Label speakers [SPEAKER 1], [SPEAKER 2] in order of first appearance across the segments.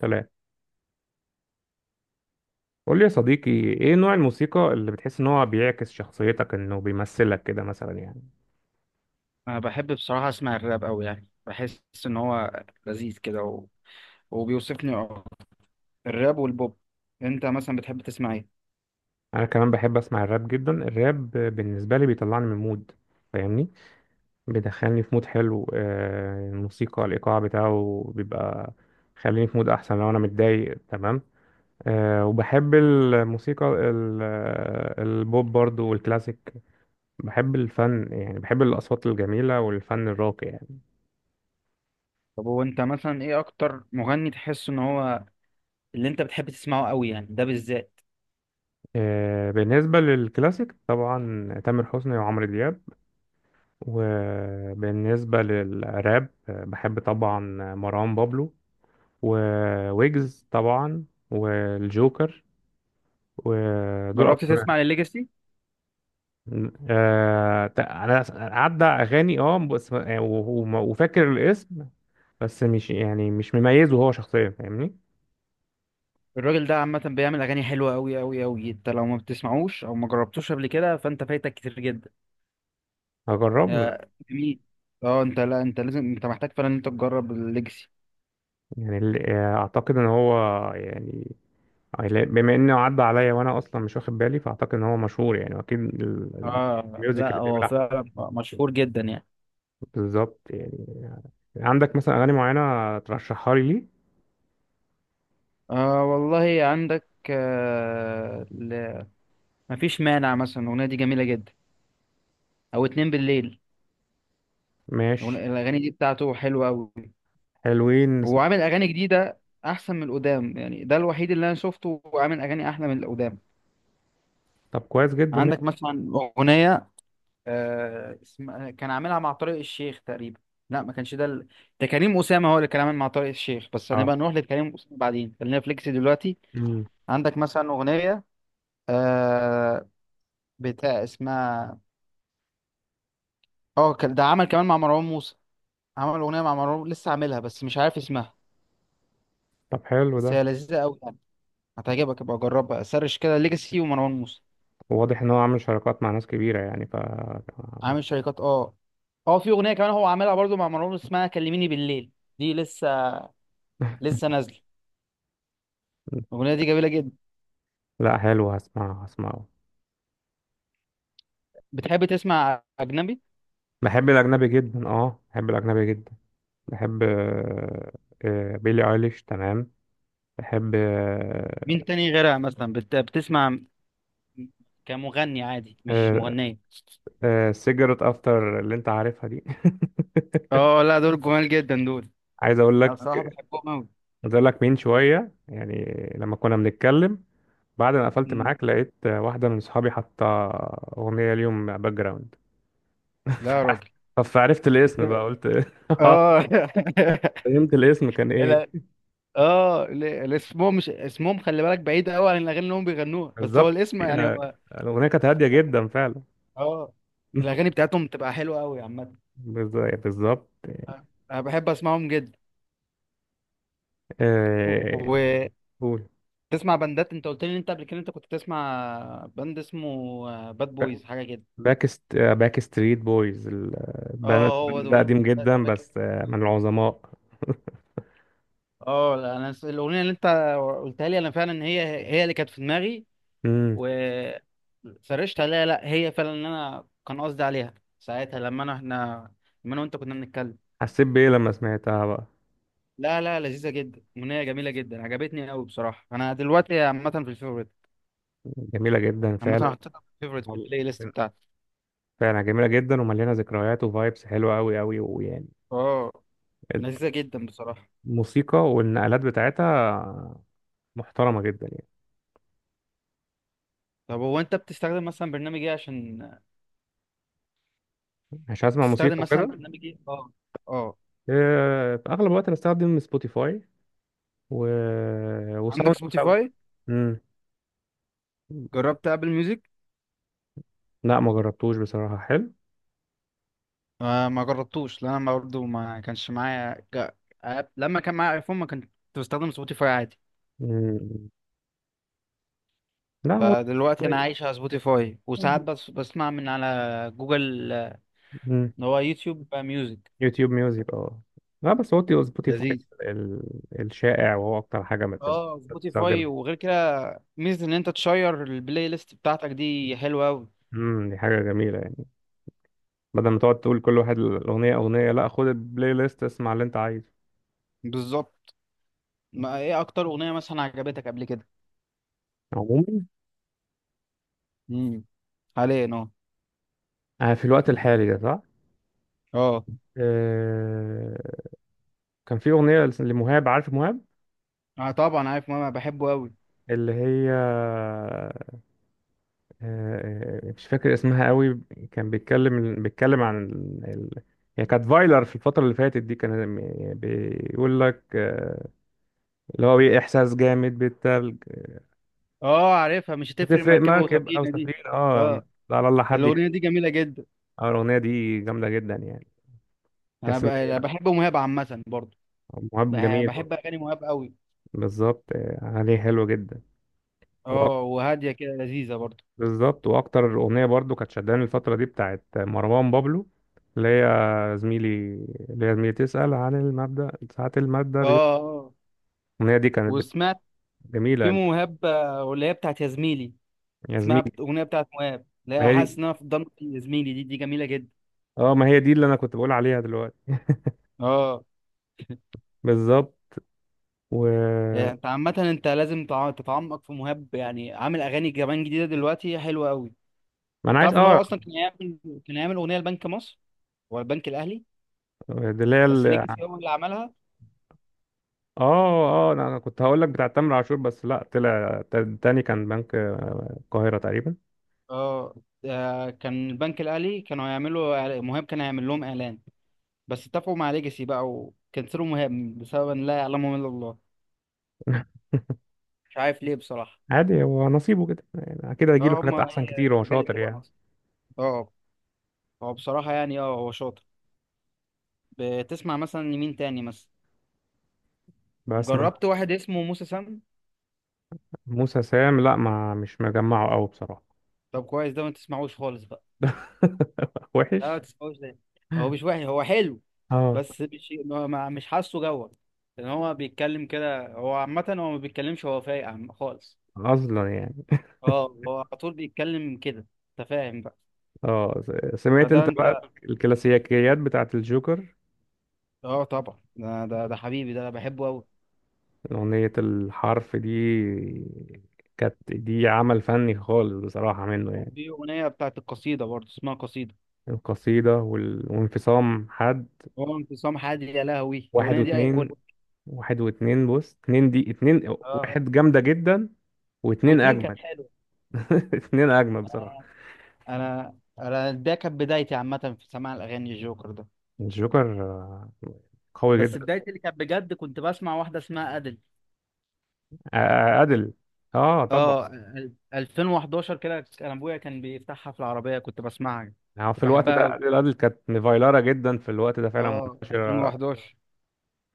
[SPEAKER 1] سلام. قول لي يا صديقي، ايه نوع الموسيقى اللي بتحس ان هو بيعكس شخصيتك، انه بيمثلك كده مثلا يعني؟
[SPEAKER 2] انا بحب بصراحه اسمع الراب قوي يعني بحس ان هو لذيذ كده و... وبيوصفني أكتر. الراب والبوب. انت مثلا بتحب تسمع ايه؟
[SPEAKER 1] انا كمان بحب اسمع الراب جدا. الراب بالنسبه لي بيطلعني من مود، فاهمني، بيدخلني في مود حلو. الموسيقى الايقاع بتاعه بيبقى خليني في مود احسن لو انا متضايق، تمام. وبحب الموسيقى البوب برضو والكلاسيك. بحب الفن يعني، بحب الاصوات الجميله والفن الراقي يعني.
[SPEAKER 2] طب هو انت مثلا ايه اكتر مغني تحس ان هو اللي انت بتحب تسمعه قوي يعني ده بالذات؟
[SPEAKER 1] بالنسبة للكلاسيك طبعا تامر حسني وعمرو دياب، وبالنسبة للراب، بحب طبعا مروان بابلو وويجز طبعا، والجوكر، ودول
[SPEAKER 2] جربت
[SPEAKER 1] أكتر.
[SPEAKER 2] تسمع لليجاسي؟
[SPEAKER 1] أنا عدى أغاني بس يعني وفاكر الاسم، بس مش يعني مش مميزه هو شخصيا، فاهمني.
[SPEAKER 2] الراجل ده عامه بيعمل اغاني حلوه قوي قوي قوي، انت لو ما بتسمعوش او ما جربتوش قبل كده فانت فايتك كتير جدا.
[SPEAKER 1] هجربه، لا.
[SPEAKER 2] آه، جميل. اه انت، لا انت لازم، انت محتاج فعلا ان انت تجرب الليجاسي.
[SPEAKER 1] يعني أعتقد إن هو يعني، يعني لا، بما انه عدى عليا وانا اصلا مش واخد بالي، فاعتقد ان هو مشهور يعني، واكيد
[SPEAKER 2] اه
[SPEAKER 1] الميوزك
[SPEAKER 2] لا،
[SPEAKER 1] اللي
[SPEAKER 2] هو
[SPEAKER 1] بيعملها.
[SPEAKER 2] فعلا مشهور جدا يعني.
[SPEAKER 1] بالظبط يعني. عندك مثلا اغاني معينه ترشحها لي ليه؟
[SPEAKER 2] آه والله عندك، مفيش مانع مثلا، الأغنية دي جميلة جدا، أو اتنين بالليل.
[SPEAKER 1] ماشي.
[SPEAKER 2] الأغاني دي بتاعته حلوة أوي.
[SPEAKER 1] حلوين نسمع.
[SPEAKER 2] وعامل أغاني جديدة أحسن من القدام، يعني ده الوحيد اللي أنا شفته وعامل أغاني أحلى من القدام.
[SPEAKER 1] طب كويس جدا ماشي.
[SPEAKER 2] عندك مثلا أغنية، كان عاملها مع طارق الشيخ تقريبا. لا، ما كانش ده ده كريم أسامة هو اللي كان عامل مع طارق الشيخ، بس
[SPEAKER 1] اه.
[SPEAKER 2] هنبقى نروح لكريم أسامة بعدين، خلينا فليكس دلوقتي.
[SPEAKER 1] مم.
[SPEAKER 2] عندك مثلا أغنية، آه بتاع اسمها، اه كان ده عمل كمان مع مروان موسى. عمل اغنيه مع مروان لسه عاملها بس مش عارف اسمها.
[SPEAKER 1] طب حلو
[SPEAKER 2] بس هي
[SPEAKER 1] ده.
[SPEAKER 2] لذيذه قوي يعني، هتعجبك، ابقى جربها، سرش كده ليجاسي ومروان موسى.
[SPEAKER 1] واضح ان هو عامل شراكات مع ناس كبيره يعني، ف...
[SPEAKER 2] عامل شركات، اه. اه، في اغنيه كمان هو عاملها برضو مع مروان موسى اسمها كلميني بالليل. دي لسه لسه نازله، الاغنيه دي جميله جدا.
[SPEAKER 1] لا، حلو، هسمعه هسمعه.
[SPEAKER 2] بتحب تسمع اجنبي؟
[SPEAKER 1] بحب الأجنبي جدا، اه، بحب الأجنبي جدا. بحب، بيلي ايليش، تمام. بحب،
[SPEAKER 2] مين تاني غيرها مثلا بتسمع؟ كمغني عادي مش
[SPEAKER 1] آه،
[SPEAKER 2] مغنيه.
[SPEAKER 1] سيجرت افتر اللي انت عارفها دي.
[SPEAKER 2] اه لا، دول جمال جدا دول،
[SPEAKER 1] عايز اقول
[SPEAKER 2] انا
[SPEAKER 1] لك
[SPEAKER 2] بصراحه بحبهم قوي.
[SPEAKER 1] عايز اقول لك من شويه يعني، لما كنا بنتكلم، بعد ما قفلت معاك لقيت واحده من صحابي حاطه اغنيه اليوم باك جراوند.
[SPEAKER 2] لا يا راجل،
[SPEAKER 1] فعرفت الاسم
[SPEAKER 2] إنت-
[SPEAKER 1] بقى، قلت... اه.
[SPEAKER 2] اه.
[SPEAKER 1] فهمت الاسم كان ايه؟
[SPEAKER 2] اه اسمهم، مش اسمهم، خلي بالك بعيد قوي عن الاغاني اللي هم بيغنوها بس هو
[SPEAKER 1] بالظبط.
[SPEAKER 2] الاسم يعني
[SPEAKER 1] آه،
[SPEAKER 2] هو.
[SPEAKER 1] الاغنيه كانت هاديه جدا فعلا.
[SPEAKER 2] اه، الاغاني بتاعتهم بتبقى حلوه قوي عامه،
[SPEAKER 1] بالظبط.
[SPEAKER 2] انا بحب اسمعهم جدا.
[SPEAKER 1] آه،
[SPEAKER 2] وتسمع
[SPEAKER 1] قول.
[SPEAKER 2] بندات؟ انت قلت لي ان انت قبل كده انت كنت تسمع بند اسمه باد بويز حاجه كده.
[SPEAKER 1] باك ستريت بويز. الباند
[SPEAKER 2] اه هو
[SPEAKER 1] ده
[SPEAKER 2] دول.
[SPEAKER 1] قديم جدا،
[SPEAKER 2] بك-
[SPEAKER 1] بس من العظماء.
[SPEAKER 2] اه لا، الاغنيه اللي انت قلتها لي انا فعلا، هي اللي كانت في دماغي وسرشت عليها، لا هي فعلا اللي انا كان قصدي عليها ساعتها، لما انا، احنا، لما انا وانت كنا بنتكلم.
[SPEAKER 1] حسيت بإيه لما سمعتها بقى؟
[SPEAKER 2] لا لا، لذيذه جدا، اغنيه جميله جدا، عجبتني قوي بصراحه، انا دلوقتي عامه في الفيفوريت.
[SPEAKER 1] جميلة جدا
[SPEAKER 2] عامه
[SPEAKER 1] فعلا.
[SPEAKER 2] حطيتها في الفيفوريت في البلاي ليست بتاعتي.
[SPEAKER 1] فعلا جميلة جدا، ومليانة ذكريات وفايبس حلوة أوي أوي، ويعني...
[SPEAKER 2] اه، لذيذه جدا بصراحه.
[SPEAKER 1] الموسيقى والنقلات بتاعتها محترمة جدا يعني.
[SPEAKER 2] طب هو انت بتستخدم مثلا برنامج ايه عشان
[SPEAKER 1] مش هسمع
[SPEAKER 2] تستخدم
[SPEAKER 1] موسيقى
[SPEAKER 2] مثلا
[SPEAKER 1] وكده.
[SPEAKER 2] برنامج ايه اه اه،
[SPEAKER 1] في أغلب الوقت بستخدم سبوتيفاي و...
[SPEAKER 2] عندك
[SPEAKER 1] وساوند كلاود.
[SPEAKER 2] سبوتيفاي؟
[SPEAKER 1] مم.
[SPEAKER 2] جربت ابل ميوزك؟
[SPEAKER 1] لا، ما جربتوش بصراحة. حلو.
[SPEAKER 2] آه ما جربتوش، لان انا برضه ما كانش معايا لما كان معايا ايفون ما كنت بستخدم سبوتيفاي عادي.
[SPEAKER 1] مم. لا هو...
[SPEAKER 2] فدلوقتي انا عايش على سبوتيفاي، وساعات بس بسمع من على جوجل،
[SPEAKER 1] مم.
[SPEAKER 2] اللي هو يوتيوب ميوزك.
[SPEAKER 1] يوتيوب ميوزك، اه. لا بس هو سبوتيفاي
[SPEAKER 2] لذيذ.
[SPEAKER 1] الشائع، وهو اكتر حاجه
[SPEAKER 2] اه سبوتيفاي،
[SPEAKER 1] بتستخدمها.
[SPEAKER 2] وغير كده ميزة ان انت تشير البلاي ليست بتاعتك دي حلوة اوي،
[SPEAKER 1] دي حاجه جميله يعني، بدل ما تقعد تقول كل واحد الاغنيه اغنيه، لا، خد البلاي ليست، اسمع اللي انت عايزه.
[SPEAKER 2] بالظبط. ما ايه اكتر اغنية مثلا عجبتك قبل كده؟
[SPEAKER 1] عموما،
[SPEAKER 2] امم حاليا، اه.
[SPEAKER 1] في الوقت الحالي ده، صح.
[SPEAKER 2] اه،
[SPEAKER 1] آه، كان في اغنيه لمهاب. عارف مهاب؟
[SPEAKER 2] آه طبعا عارف ماما، بحبه اوي.
[SPEAKER 1] اللي هي، مش فاكر اسمها قوي. كان بيتكلم عن هي كانت فايلر في الفتره اللي فاتت دي. كان بيقول لك، اللي هو بيه احساس جامد بالتلج.
[SPEAKER 2] اه عارفها، مش هتفرق،
[SPEAKER 1] هتفرق
[SPEAKER 2] مركبة
[SPEAKER 1] مركب او
[SPEAKER 2] وسفينة دي.
[SPEAKER 1] سفينه،
[SPEAKER 2] اه
[SPEAKER 1] اه. لا، على الله حد يحب.
[SPEAKER 2] الاغنية دي جميلة جدا.
[SPEAKER 1] الاغنيه دي جامده جدا يعني، تحس ان هي...
[SPEAKER 2] أنا بحب مهاب عامة برضه.
[SPEAKER 1] مهاب جميل
[SPEAKER 2] بحب
[SPEAKER 1] برضه.
[SPEAKER 2] اغاني مهاب اوي.
[SPEAKER 1] بالظبط. عليه حلو جدا. وأك-
[SPEAKER 2] اه وهادية كده، لذيذة برضه.
[SPEAKER 1] بالظبط. واكتر اغنيه برضو كانت شداني الفتره دي بتاعت مروان بابلو، اللي هي زميلي اللي هي زميلي تسأل عن المبدأ ساعة المادة
[SPEAKER 2] اه اه،
[SPEAKER 1] الأغنية دي كانت
[SPEAKER 2] وسمعت في
[SPEAKER 1] جميلة.
[SPEAKER 2] مهاب، واللي هي بتاعت يا زميلي،
[SPEAKER 1] يا
[SPEAKER 2] اسمها
[SPEAKER 1] زميلي.
[SPEAKER 2] اغنيه بتاعت مواب،
[SPEAKER 1] ما
[SPEAKER 2] لا
[SPEAKER 1] هي
[SPEAKER 2] حاسس
[SPEAKER 1] دي.
[SPEAKER 2] ان انا في ضمن، يا زميلي، دي جميله جدا.
[SPEAKER 1] اه، ما هي دي اللي أنا كنت بقول عليها دلوقتي.
[SPEAKER 2] اه،
[SPEAKER 1] بالظبط. و...
[SPEAKER 2] يعني انت عامه انت لازم تتعمق في مهاب، يعني عامل اغاني كمان جديده دلوقتي حلوه قوي.
[SPEAKER 1] ما أنا عايز،
[SPEAKER 2] تعرف ان
[SPEAKER 1] اه.
[SPEAKER 2] هو اصلا كان يعمل اغنيه لبنك مصر والبنك الاهلي،
[SPEAKER 1] دي اللي
[SPEAKER 2] بس
[SPEAKER 1] هي...
[SPEAKER 2] ليجاسي هو اللي عملها.
[SPEAKER 1] اه، اه، أنا كنت هقول لك بتاع تامر عاشور، بس لا، طلع تاني كان بنك القاهرة تقريبا.
[SPEAKER 2] اه، كان البنك الاهلي كانوا هيعملوا مهاب كان هيعمل لهم اعلان، بس اتفقوا مع ليجاسي بقى وكنسلوا مهاب، بسبب ان لا يعلمهم الا الله، مش عارف ليه بصراحه.
[SPEAKER 1] عادي، هو نصيبه كده يعني، اكيد هيجيله
[SPEAKER 2] اه
[SPEAKER 1] حاجات
[SPEAKER 2] هما،
[SPEAKER 1] احسن
[SPEAKER 2] هي
[SPEAKER 1] كتير، هو
[SPEAKER 2] الحاجات دي
[SPEAKER 1] شاطر
[SPEAKER 2] بتبقى
[SPEAKER 1] يعني.
[SPEAKER 2] ناقصه. اه هو بصراحه يعني اه هو شاطر. بتسمع مثلا لمين تاني مثلا؟
[SPEAKER 1] بس مع...
[SPEAKER 2] جربت واحد اسمه موسى سام؟
[SPEAKER 1] موسى سام، لا، ما مش مجمعه قوي بصراحة.
[SPEAKER 2] طب كويس، ده ما تسمعوش خالص بقى. لا ما
[SPEAKER 1] وحش.
[SPEAKER 2] تسمعوش ده، هو مش وحش هو حلو،
[SPEAKER 1] اه.
[SPEAKER 2] بس مش مش حاسه جوه. لان هو بيتكلم كده، هو عامة هو ما بيتكلمش، هو فايق خالص.
[SPEAKER 1] اصلا يعني.
[SPEAKER 2] اه هو على طول بيتكلم كده، انت فاهم بقى؟
[SPEAKER 1] اه، سمعت
[SPEAKER 2] فده
[SPEAKER 1] انت بقى
[SPEAKER 2] انت.
[SPEAKER 1] الكلاسيكيات بتاعت الجوكر؟
[SPEAKER 2] اه طبعا، ده حبيبي ده، انا بحبه قوي.
[SPEAKER 1] اغنية الحرف دي، كانت دي عمل فني خالص بصراحة منه يعني.
[SPEAKER 2] وفي اغنية بتاعت القصيدة برضه اسمها قصيدة.
[SPEAKER 1] القصيدة وانفصام حد.
[SPEAKER 2] هو انفصام حاد، يا لهوي
[SPEAKER 1] واحد
[SPEAKER 2] الاغنية دي
[SPEAKER 1] واتنين.
[SPEAKER 2] ايقونة.
[SPEAKER 1] واحد واتنين، بص، اتنين دي، اتنين
[SPEAKER 2] اه،
[SPEAKER 1] واحد جامدة جدا. واتنين
[SPEAKER 2] واتنين كانت
[SPEAKER 1] أجمل.
[SPEAKER 2] حلوة.
[SPEAKER 1] اتنين أجمل بصراحة.
[SPEAKER 2] آه. انا ده كانت بدايتي عامه في سماع الاغاني، الجوكر ده.
[SPEAKER 1] الجوكر، قوي
[SPEAKER 2] بس
[SPEAKER 1] جدا.
[SPEAKER 2] بدايتي اللي كانت بجد كنت بسمع واحده اسمها ادل.
[SPEAKER 1] أدل، اه، طبعا.
[SPEAKER 2] اه 2011 كده، كان ابويا كان بيفتحها في العربيه كنت بسمعها،
[SPEAKER 1] يعني في
[SPEAKER 2] كنت
[SPEAKER 1] الوقت
[SPEAKER 2] بحبها
[SPEAKER 1] ده
[SPEAKER 2] قوي.
[SPEAKER 1] أدل كانت مفايلارة جدا، في الوقت ده فعلا
[SPEAKER 2] اه
[SPEAKER 1] منتشرة،
[SPEAKER 2] 2011.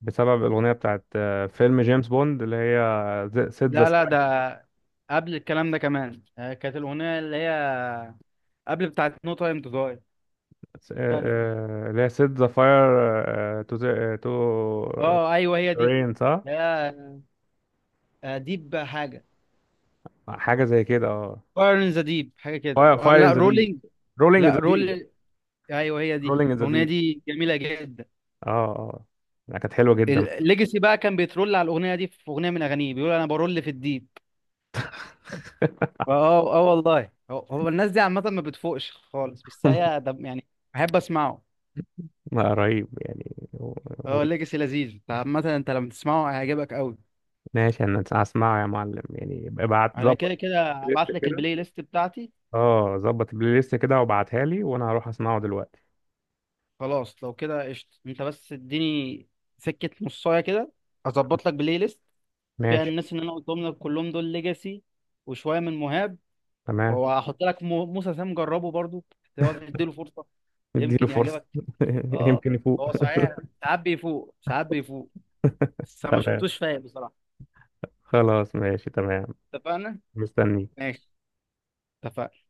[SPEAKER 1] بسبب الأغنية بتاعت فيلم جيمس بوند، اللي هي سيت ذا
[SPEAKER 2] لا لا،
[SPEAKER 1] ساير،
[SPEAKER 2] ده قبل الكلام ده كمان، كانت الاغنيه اللي هي قبل بتاعت نو تايم تو داي، تاني.
[SPEAKER 1] اللي هي سيت ذا فاير تو
[SPEAKER 2] اه ايوه هي دي.
[SPEAKER 1] رين، صح؟
[SPEAKER 2] لا ديب حاجه،
[SPEAKER 1] حاجة زي كده.
[SPEAKER 2] فاير ان ذا ديب حاجه كده،
[SPEAKER 1] اه، فاير ان
[SPEAKER 2] لا
[SPEAKER 1] ذا ديب،
[SPEAKER 2] رولينج.
[SPEAKER 1] رولينج
[SPEAKER 2] لا
[SPEAKER 1] ذا ديب.
[SPEAKER 2] رول، ايوه هي دي،
[SPEAKER 1] رولينج ذا
[SPEAKER 2] الاغنيه
[SPEAKER 1] ديب،
[SPEAKER 2] دي جميله جدا.
[SPEAKER 1] اه، اه. لا، كانت حلوة جدا.
[SPEAKER 2] الليجاسي بقى كان بيترول على الاغنيه دي، في اغنيه من اغانيه بيقول انا برول في الديب. اه اه، والله، هو الناس دي عامه ما بتفوقش خالص، بس هي ده يعني. بحب اسمعه.
[SPEAKER 1] لا، رهيب يعني
[SPEAKER 2] اه
[SPEAKER 1] و-
[SPEAKER 2] الليجاسي لذيذ، انت عامه انت لما تسمعه هيعجبك قوي.
[SPEAKER 1] ماشي، انا هسمعه يا معلم يعني، ابعت
[SPEAKER 2] على
[SPEAKER 1] ظبط
[SPEAKER 2] كده كده
[SPEAKER 1] البلاي ليست
[SPEAKER 2] ابعت لك
[SPEAKER 1] كده.
[SPEAKER 2] البلاي ليست بتاعتي.
[SPEAKER 1] اه، ظبط البلاي ليست كده وابعتها لي وانا هروح اسمعه دلوقتي.
[SPEAKER 2] خلاص، لو كده قشطه، انت بس اديني سكه نصايه كده، اظبط لك بلاي ليست فيها
[SPEAKER 1] ماشي.
[SPEAKER 2] الناس اللي انا قلتهم لك كلهم، دول ليجاسي وشويه من مهاب.
[SPEAKER 1] تمام.
[SPEAKER 2] وهحط لك موسى سام، جربه برضو، تقعد تديله فرصه،
[SPEAKER 1] اديله
[SPEAKER 2] يمكن
[SPEAKER 1] فرصة.
[SPEAKER 2] يعجبك. اه
[SPEAKER 1] يمكن يفوق.
[SPEAKER 2] هو صحيح ساعات بيفوق ساعات بيفوق، بس انا ما
[SPEAKER 1] تمام.
[SPEAKER 2] شفتوش فايق بصراحه.
[SPEAKER 1] خلاص، ماشي، تمام.
[SPEAKER 2] اتفقنا.
[SPEAKER 1] مستني.
[SPEAKER 2] ماشي. اتفقنا.